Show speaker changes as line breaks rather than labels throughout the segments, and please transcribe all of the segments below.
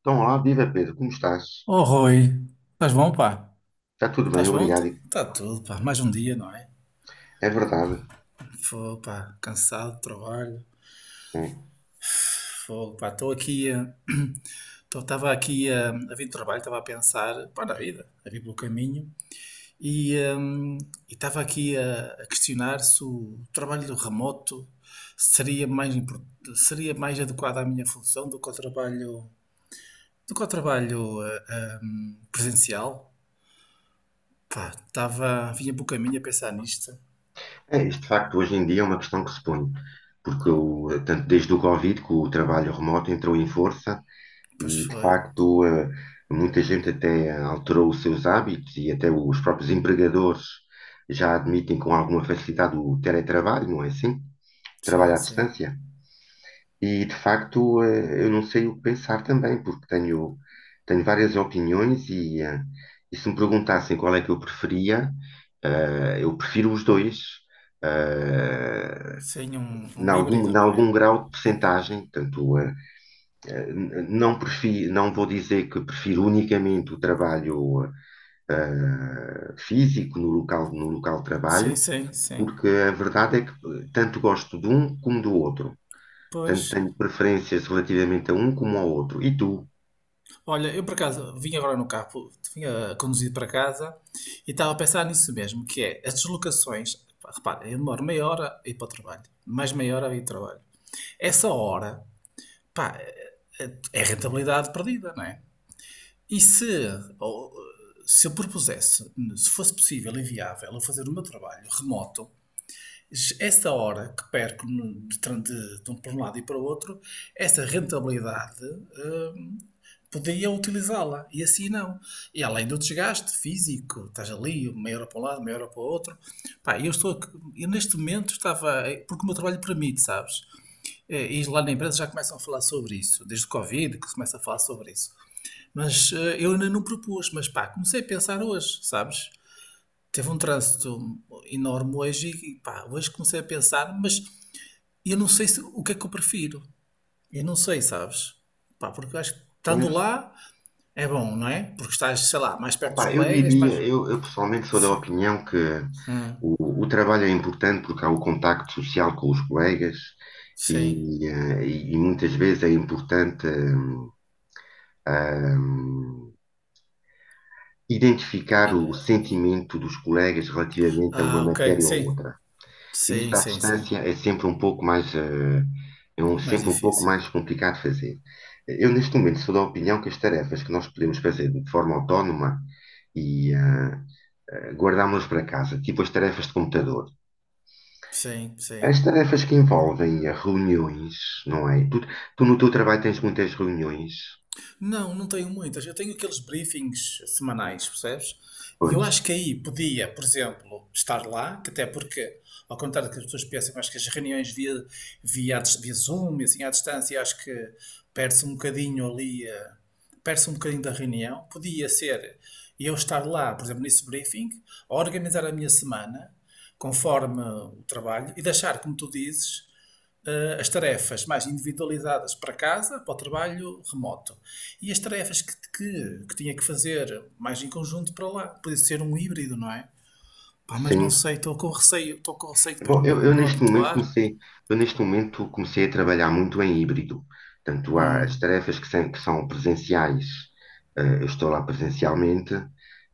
Então, olá, viva Pedro, como estás?
Oh, Rui, estás bom, pá?
Está tudo bem,
Estás bom?
obrigado.
Está tudo, pá. Mais um dia, não é?
É verdade.
Fogo, pá. Cansado do trabalho.
É,
Fogo, pá. Estava aqui a vir do trabalho, estava a pensar, pá, na vida, a vir pelo caminho. E hum, Estava aqui a questionar se o trabalho do remoto seria seria mais adequado à minha função do que o trabalho, do que o trabalho presencial. Pá, estava, vinha pelo caminho a pensar nisto.
É, isto de facto hoje em dia é uma questão que se põe, porque tanto desde o Covid que o trabalho remoto entrou em força
Pois
e de
foi.
facto muita gente até alterou os seus hábitos e até os próprios empregadores já admitem com alguma facilidade o teletrabalho, não é assim? Trabalho
Sim,
à
sim.
distância. E de facto, eu não sei o que pensar também, porque tenho várias opiniões e e se me perguntassem qual é que eu preferia, eu prefiro os dois, eh,
Sim, um,
em
um
algum, em
híbrido, não é?
algum grau de percentagem, tanto, eh, eh, n- não prefiro, não vou dizer que prefiro unicamente o trabalho físico no local de
Sim,
trabalho,
sim, sim.
porque a verdade é que tanto gosto de um como do outro.
Pois,
Tanto tenho preferências relativamente a um como ao outro. E tu?
olha, eu por acaso vim agora no carro, vinha conduzido para casa e estava a pensar nisso mesmo, que é as deslocações. Pá, repara, eu demoro meia hora a ir para o trabalho, mais meia hora a ir para o trabalho. Essa hora, pá, é rentabilidade perdida, não é? E se, ou, Se eu propusesse, se fosse possível e viável, eu fazer o meu trabalho remoto, essa hora que perco no- de, tran- de um- para um lado e para o outro, essa rentabilidade hum, podia utilizá-la e assim não. E além do desgaste físico, estás ali, meia hora para um lado, meia hora para o outro. Pá, eu estou, aqui- Eu neste momento estava, porque o meu trabalho permite, sabes? E lá na empresa já começam a falar sobre isso, desde o Covid que se começa a falar sobre isso. Eu ainda não propus, mas pá, comecei a pensar hoje, sabes? Teve um trânsito enorme hoje e pá, hoje comecei a pensar, mas e eu não sei se, o que é que eu prefiro. Eu não sei, sabes? Pá, porque eu acho que estando
Pois.
lá é bom, não é? Porque estás, sei lá, mais perto dos
Epá, eu
colegas,
diria,
mais.
eu pessoalmente sou da
Sim.
opinião que
Hum,
o trabalho é importante porque há o contacto social com os colegas
sim.
e muitas vezes é importante hum, identificar o sentimento dos colegas relativamente a uma
Ah, ok.
matéria ou
Sim.
outra.
Sim,
Isso à
sim, sim.
distância é sempre um pouco mais,
Mais
sempre um pouco
difícil.
mais complicado de fazer. Eu, neste momento, sou da opinião que as tarefas que nós podemos fazer de forma autónoma e eh, guardámos-las para casa, tipo as tarefas de computador.
Sim,
As
sim.
tarefas que envolvem reuniões, não é? Tu no teu trabalho tens muitas reuniões.
Não, não tenho muitas. Eu tenho aqueles briefings semanais, percebes? E eu
Pois,
acho que aí podia, por exemplo, estar lá, que até porque, ao contrário do que as pessoas pensam, eu acho que as reuniões via Zoom e assim à distância, eu acho que perde-se um bocadinho ali, perde-se um bocadinho da reunião. Podia ser eu estar lá, por exemplo, nesse briefing, a organizar a minha semana, conforme o trabalho, e deixar, como tu dizes, as tarefas mais individualizadas para casa, para o trabalho remoto. E as tarefas que tinha que fazer mais em conjunto para lá. Podia ser um híbrido, não é? Pá, mas não
sim.
sei, estou com receio de depois
Bom,
não,
eu
não
neste momento
habituar.
comecei a trabalhar muito em híbrido. Portanto, há as
Hum.
tarefas que são presenciais, eu estou lá presencialmente,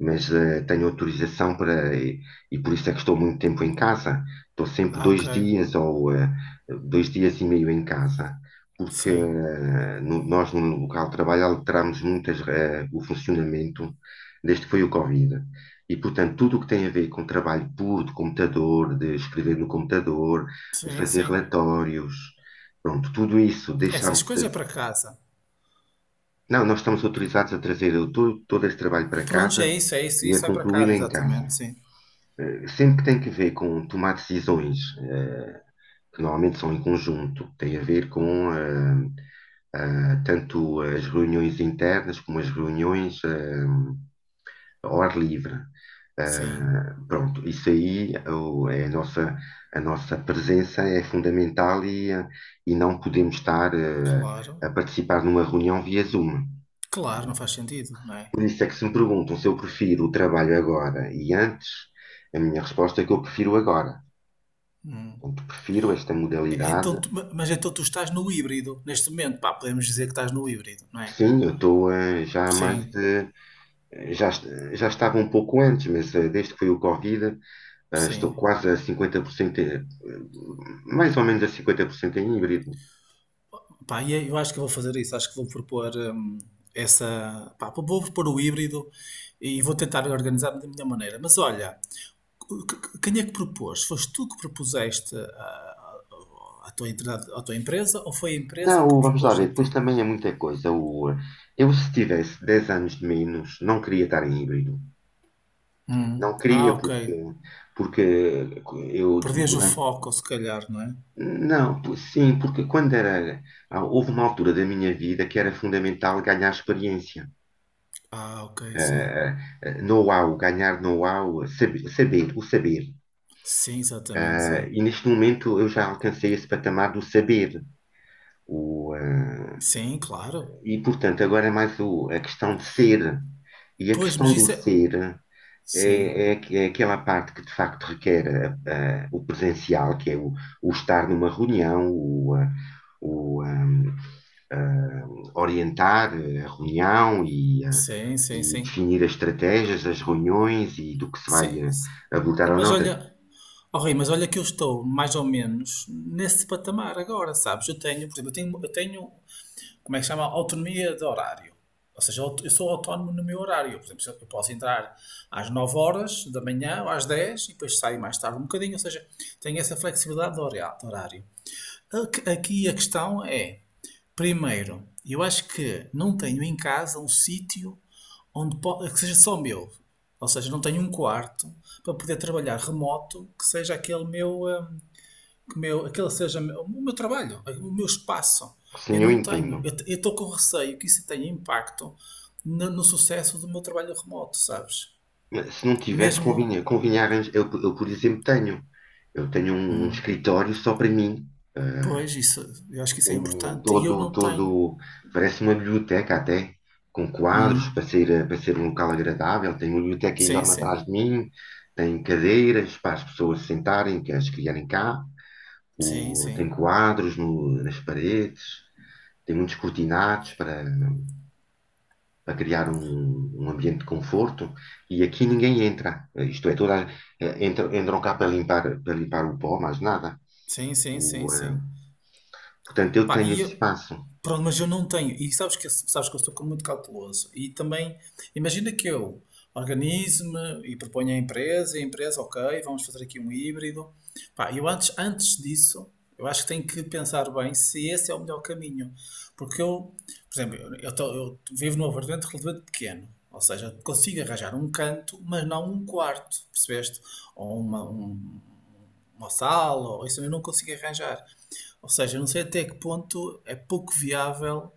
mas tenho autorização e por isso é que estou muito tempo em casa. Estou sempre
Ah, ok.
dois dias ou dois dias e meio em casa, porque
Sim,
nós no local de trabalho alterámos muito o funcionamento desde que foi o Covid. E, portanto, tudo o que tem a ver com trabalho puro de computador, de escrever no computador, de
sim,
fazer
sim.
relatórios, pronto, tudo isso deixámos
Essas
de
coisas é para casa.
não, nós estamos
E-
autorizados a trazer todo este trabalho para
Prontos,
casa
é isso,
e a
isso vai para
concluí-lo
casa,
em casa.
exatamente, sim.
Sempre que tem que ver com tomar decisões, que normalmente são em conjunto, tem a ver com tanto as reuniões internas como as reuniões ao ar livre.
Sim,
Pronto, isso aí é a nossa presença é fundamental e não podemos estar
claro.
a participar numa reunião via Zoom.
Claro, não faz sentido, não é?
Por isso é que se me perguntam se eu prefiro o trabalho agora e antes, a minha resposta é que eu prefiro agora.
Hum.
Portanto, prefiro esta modalidade.
Mas então tu estás no híbrido neste momento, pá, podemos dizer que estás no híbrido, não é?
Sim, eu estou, já há mais
Sim,
de. Já, est- já estava um pouco antes, mas desde que foi o Covid, estou
sim.
quase a 50%, mais ou menos a 50% em híbrido.
Pá, e é, eu acho que vou fazer isso, acho que vou propor essa, pá, vou propor o híbrido e vou tentar organizar-me da minha maneira. Mas olha, quem é que propôs? Foste tu que propuseste à tua, à tua empresa ou foi a empresa que
Não, vamos lá
propôs a
ver, depois
ti?
também é muita coisa. Eu, se tivesse 10 anos de menos, não queria estar em híbrido.
Hum.
Não
Ah,
queria,
ok.
porque, porque eu
Perdias o
durante.
foco, se calhar, não é?
Não, sim, porque quando era. Houve uma altura da minha vida que era fundamental ganhar experiência.
Ah, ok, sim.
Ah, Know-how, ganhar know-how, saber, saber, o saber.
Sim, exatamente, sim.
E neste momento eu já alcancei esse patamar do saber. O, ah,
Sim, claro.
e portanto, agora é mais a questão de ser. E a
Pois, mas
questão do
isso é.
ser.
Sim,
É, é, é aquela parte que de facto requer o presencial, que é o estar numa reunião, o, ah, orientar a reunião
sim, sim,
e
sim.
definir as estratégias, as reuniões e do que se
Sim.
vai abordar ou
Mas
não. Portanto,
olha, oh Rui, mas olha que eu estou mais ou menos nesse patamar agora, sabes? Eu tenho, por exemplo, como é que se chama? Autonomia de horário. Ou seja, eu sou autónomo no meu horário. Por exemplo, eu posso entrar às 9 horas da manhã ou às 10 e depois saio mais tarde um bocadinho. Ou seja, tenho essa flexibilidade de de horário. Aqui a questão é, primeiro, eu acho que não tenho em casa um sítio que seja só meu. Ou seja, não tenho um quarto para poder trabalhar remoto que seja aquele meu, que meu aquele seja o meu trabalho, o meu espaço. Eu
sim, eu
não
entendo.
tenho. Eu estou com receio que isso tenha impacto no, no sucesso do meu trabalho remoto, sabes?
Se não tiveres,
Mesmo,
convinha, convinha Eu, por exemplo, tenho. Eu tenho um escritório só para mim. eh,
pois, isso, eu acho que isso é
um,
importante e eu
todo,
não tenho.
todo, Parece uma biblioteca até, com quadros para ser um local agradável. Tem uma biblioteca
Sim,
enorme
sim.
atrás de mim, tem cadeiras para as pessoas se sentarem, que as criarem cá,
Sim,
tem
sim.
quadros nas paredes, tem muitos cortinados para criar um ambiente de conforto. E aqui ninguém entra, isto é, toda, a- eh, entram, entram cá para limpar o pó, mais nada.
Sim, sim, sim,
O, eh,
sim.
Portanto, eu
Pá,
tenho esse espaço.
pronto, mas eu não tenho. E sabes que eu sou muito cauteloso. E também, imagina que eu organize-me e proponho à empresa, e a empresa, ok, vamos fazer aqui um híbrido. Pá, eu antes, antes disso, eu acho que tenho que pensar bem se esse é o melhor caminho. Porque eu, por exemplo, eu vivo num apartamento relativamente pequeno. Ou seja, consigo arranjar um canto, mas não um quarto, percebeste? Ou uma, um- uma sala, ou isso eu não consigo arranjar. Ou seja, não sei até que ponto é pouco viável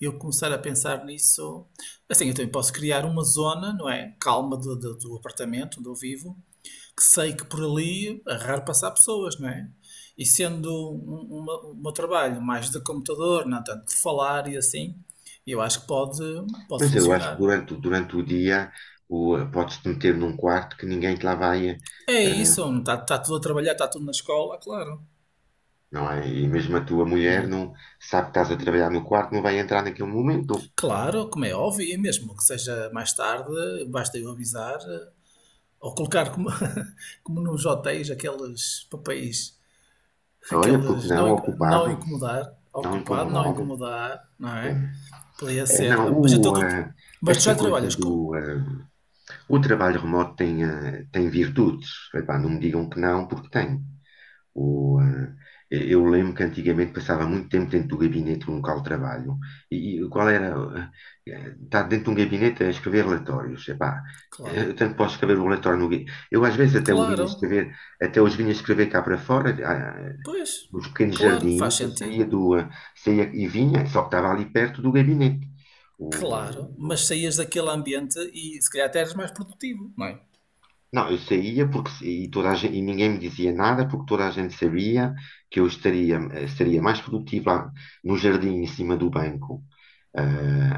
eu começar a pensar nisso. Assim, eu também posso criar uma zona, não é? Calma do apartamento onde eu vivo, que sei que por ali é raro passar pessoas, não é? E sendo o meu trabalho mais de computador, não tanto de falar e assim, eu acho que pode, pode
Mas eu acho que
funcionar.
durante, durante o dia podes-te meter num quarto que ninguém te lá vai,
É isso, não está, está tudo a trabalhar, está tudo na escola, claro.
não é? E mesmo a tua
Não
mulher
é?
não sabe que estás a trabalhar no quarto, não vai entrar naquele momento.
Claro, como é óbvio, e mesmo que seja mais tarde, basta eu avisar, ou colocar como, como nos hotéis aqueles papéis,
Olha, porque
aqueles não,
não,
inc- não
ocupado,
incomodar,
não
ocupado, não
incomodado.
incomodar, não
É,
é? Podia ser.
não,
Mas, então, tu, mas tu
esta
já
coisa
trabalhas com.
o trabalho remoto tem, tem virtudes. Epá, não me digam que não, porque tem. O, ah, eu lembro que antigamente passava muito tempo dentro do gabinete no local de trabalho. E qual era? Estar dentro de um gabinete a escrever relatórios. Epá,
Claro.
eu tanto posso escrever o relatório no. gui- Eu às vezes até o vinha
Claro.
escrever, até os vinha escrever cá para fora,
Pois.
nos pequenos
Claro que faz
jardins, eu
sentido.
saía e vinha, só que estava ali perto do gabinete.
Claro. Mas
O-
saías daquele ambiente e se calhar até eras mais produtivo, não é?
não, eu saía porque e toda a gente, e ninguém me dizia nada porque toda a gente sabia que eu estaria, seria mais produtivo lá no jardim em cima do banco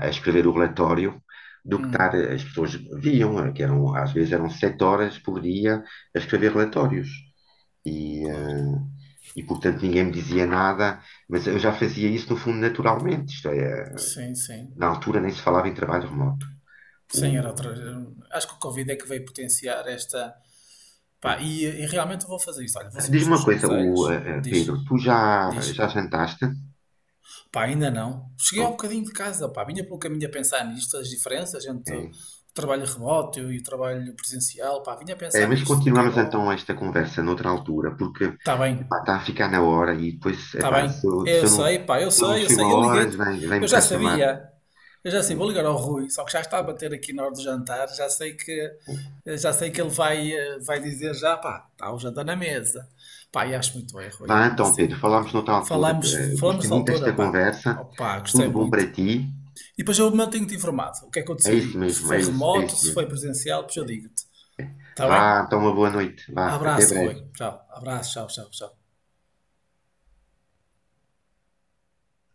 a escrever o relatório do que estar,
Hum,
as pessoas viam, que eram, às vezes eram 7 horas por dia a escrever relatórios. E,
claro.
eh, e portanto ninguém me dizia nada, mas eu já fazia isso no fundo naturalmente. Isto é,
Sim, sim.
na altura nem se falava em trabalho remoto.
Sim, era
O,
outra. Acho que o Covid é que veio potenciar esta. Pá,
É.
e realmente eu vou fazer isso. Olha, vou seguir os
Diz-me
teus
uma coisa,
conselhos. Diz,
Pedro, tu já,
diz,
já jantaste?
pá, ainda não. Cheguei ao
Bom,
bocadinho de casa, pá, vinha pelo caminho a pensar nisto, as diferenças entre o
é.
trabalho remoto e o trabalho presencial, pá, vinha a
É,
pensar
mas
nisto, o que é
continuamos
bom.
então esta conversa noutra altura, porque
Tá bem,
epá, está a ficar na hora e depois,
tá
epá,
bem.
se eu, se
Eu
eu não,
sei, pá, eu
se eu não
sei, eu
chego a
sei. Eu
horas,
liguei-te,
vem, vem-me
eu já
cá chamar.
sabia. Eu já
É.
sei, vou ligar ao Rui, só que já está a bater aqui na hora do jantar, já sei que ele vai, vai dizer já, pá, está o jantar na mesa. Pá, e acho muito bem, Rui, é
Vá
mesmo
então,
assim.
Pedro, falamos noutra altura.
Falámos,
Eh,
falamos
gostei
da
muito
autora
desta
pá.
conversa.
Opa, gostei
Tudo bom
muito.
para ti?
E depois eu mantenho-te informado. O que é que eu
É isso
decidi? Se
mesmo,
foi
é
remoto,
isso
se foi
mesmo.
presencial, depois eu
É.
digo-te. Está bem?
Vá, então, uma boa noite. Vá, até
Abraço, Rui.
breve.
Tchau. Abraço, tchau, tchau, tchau.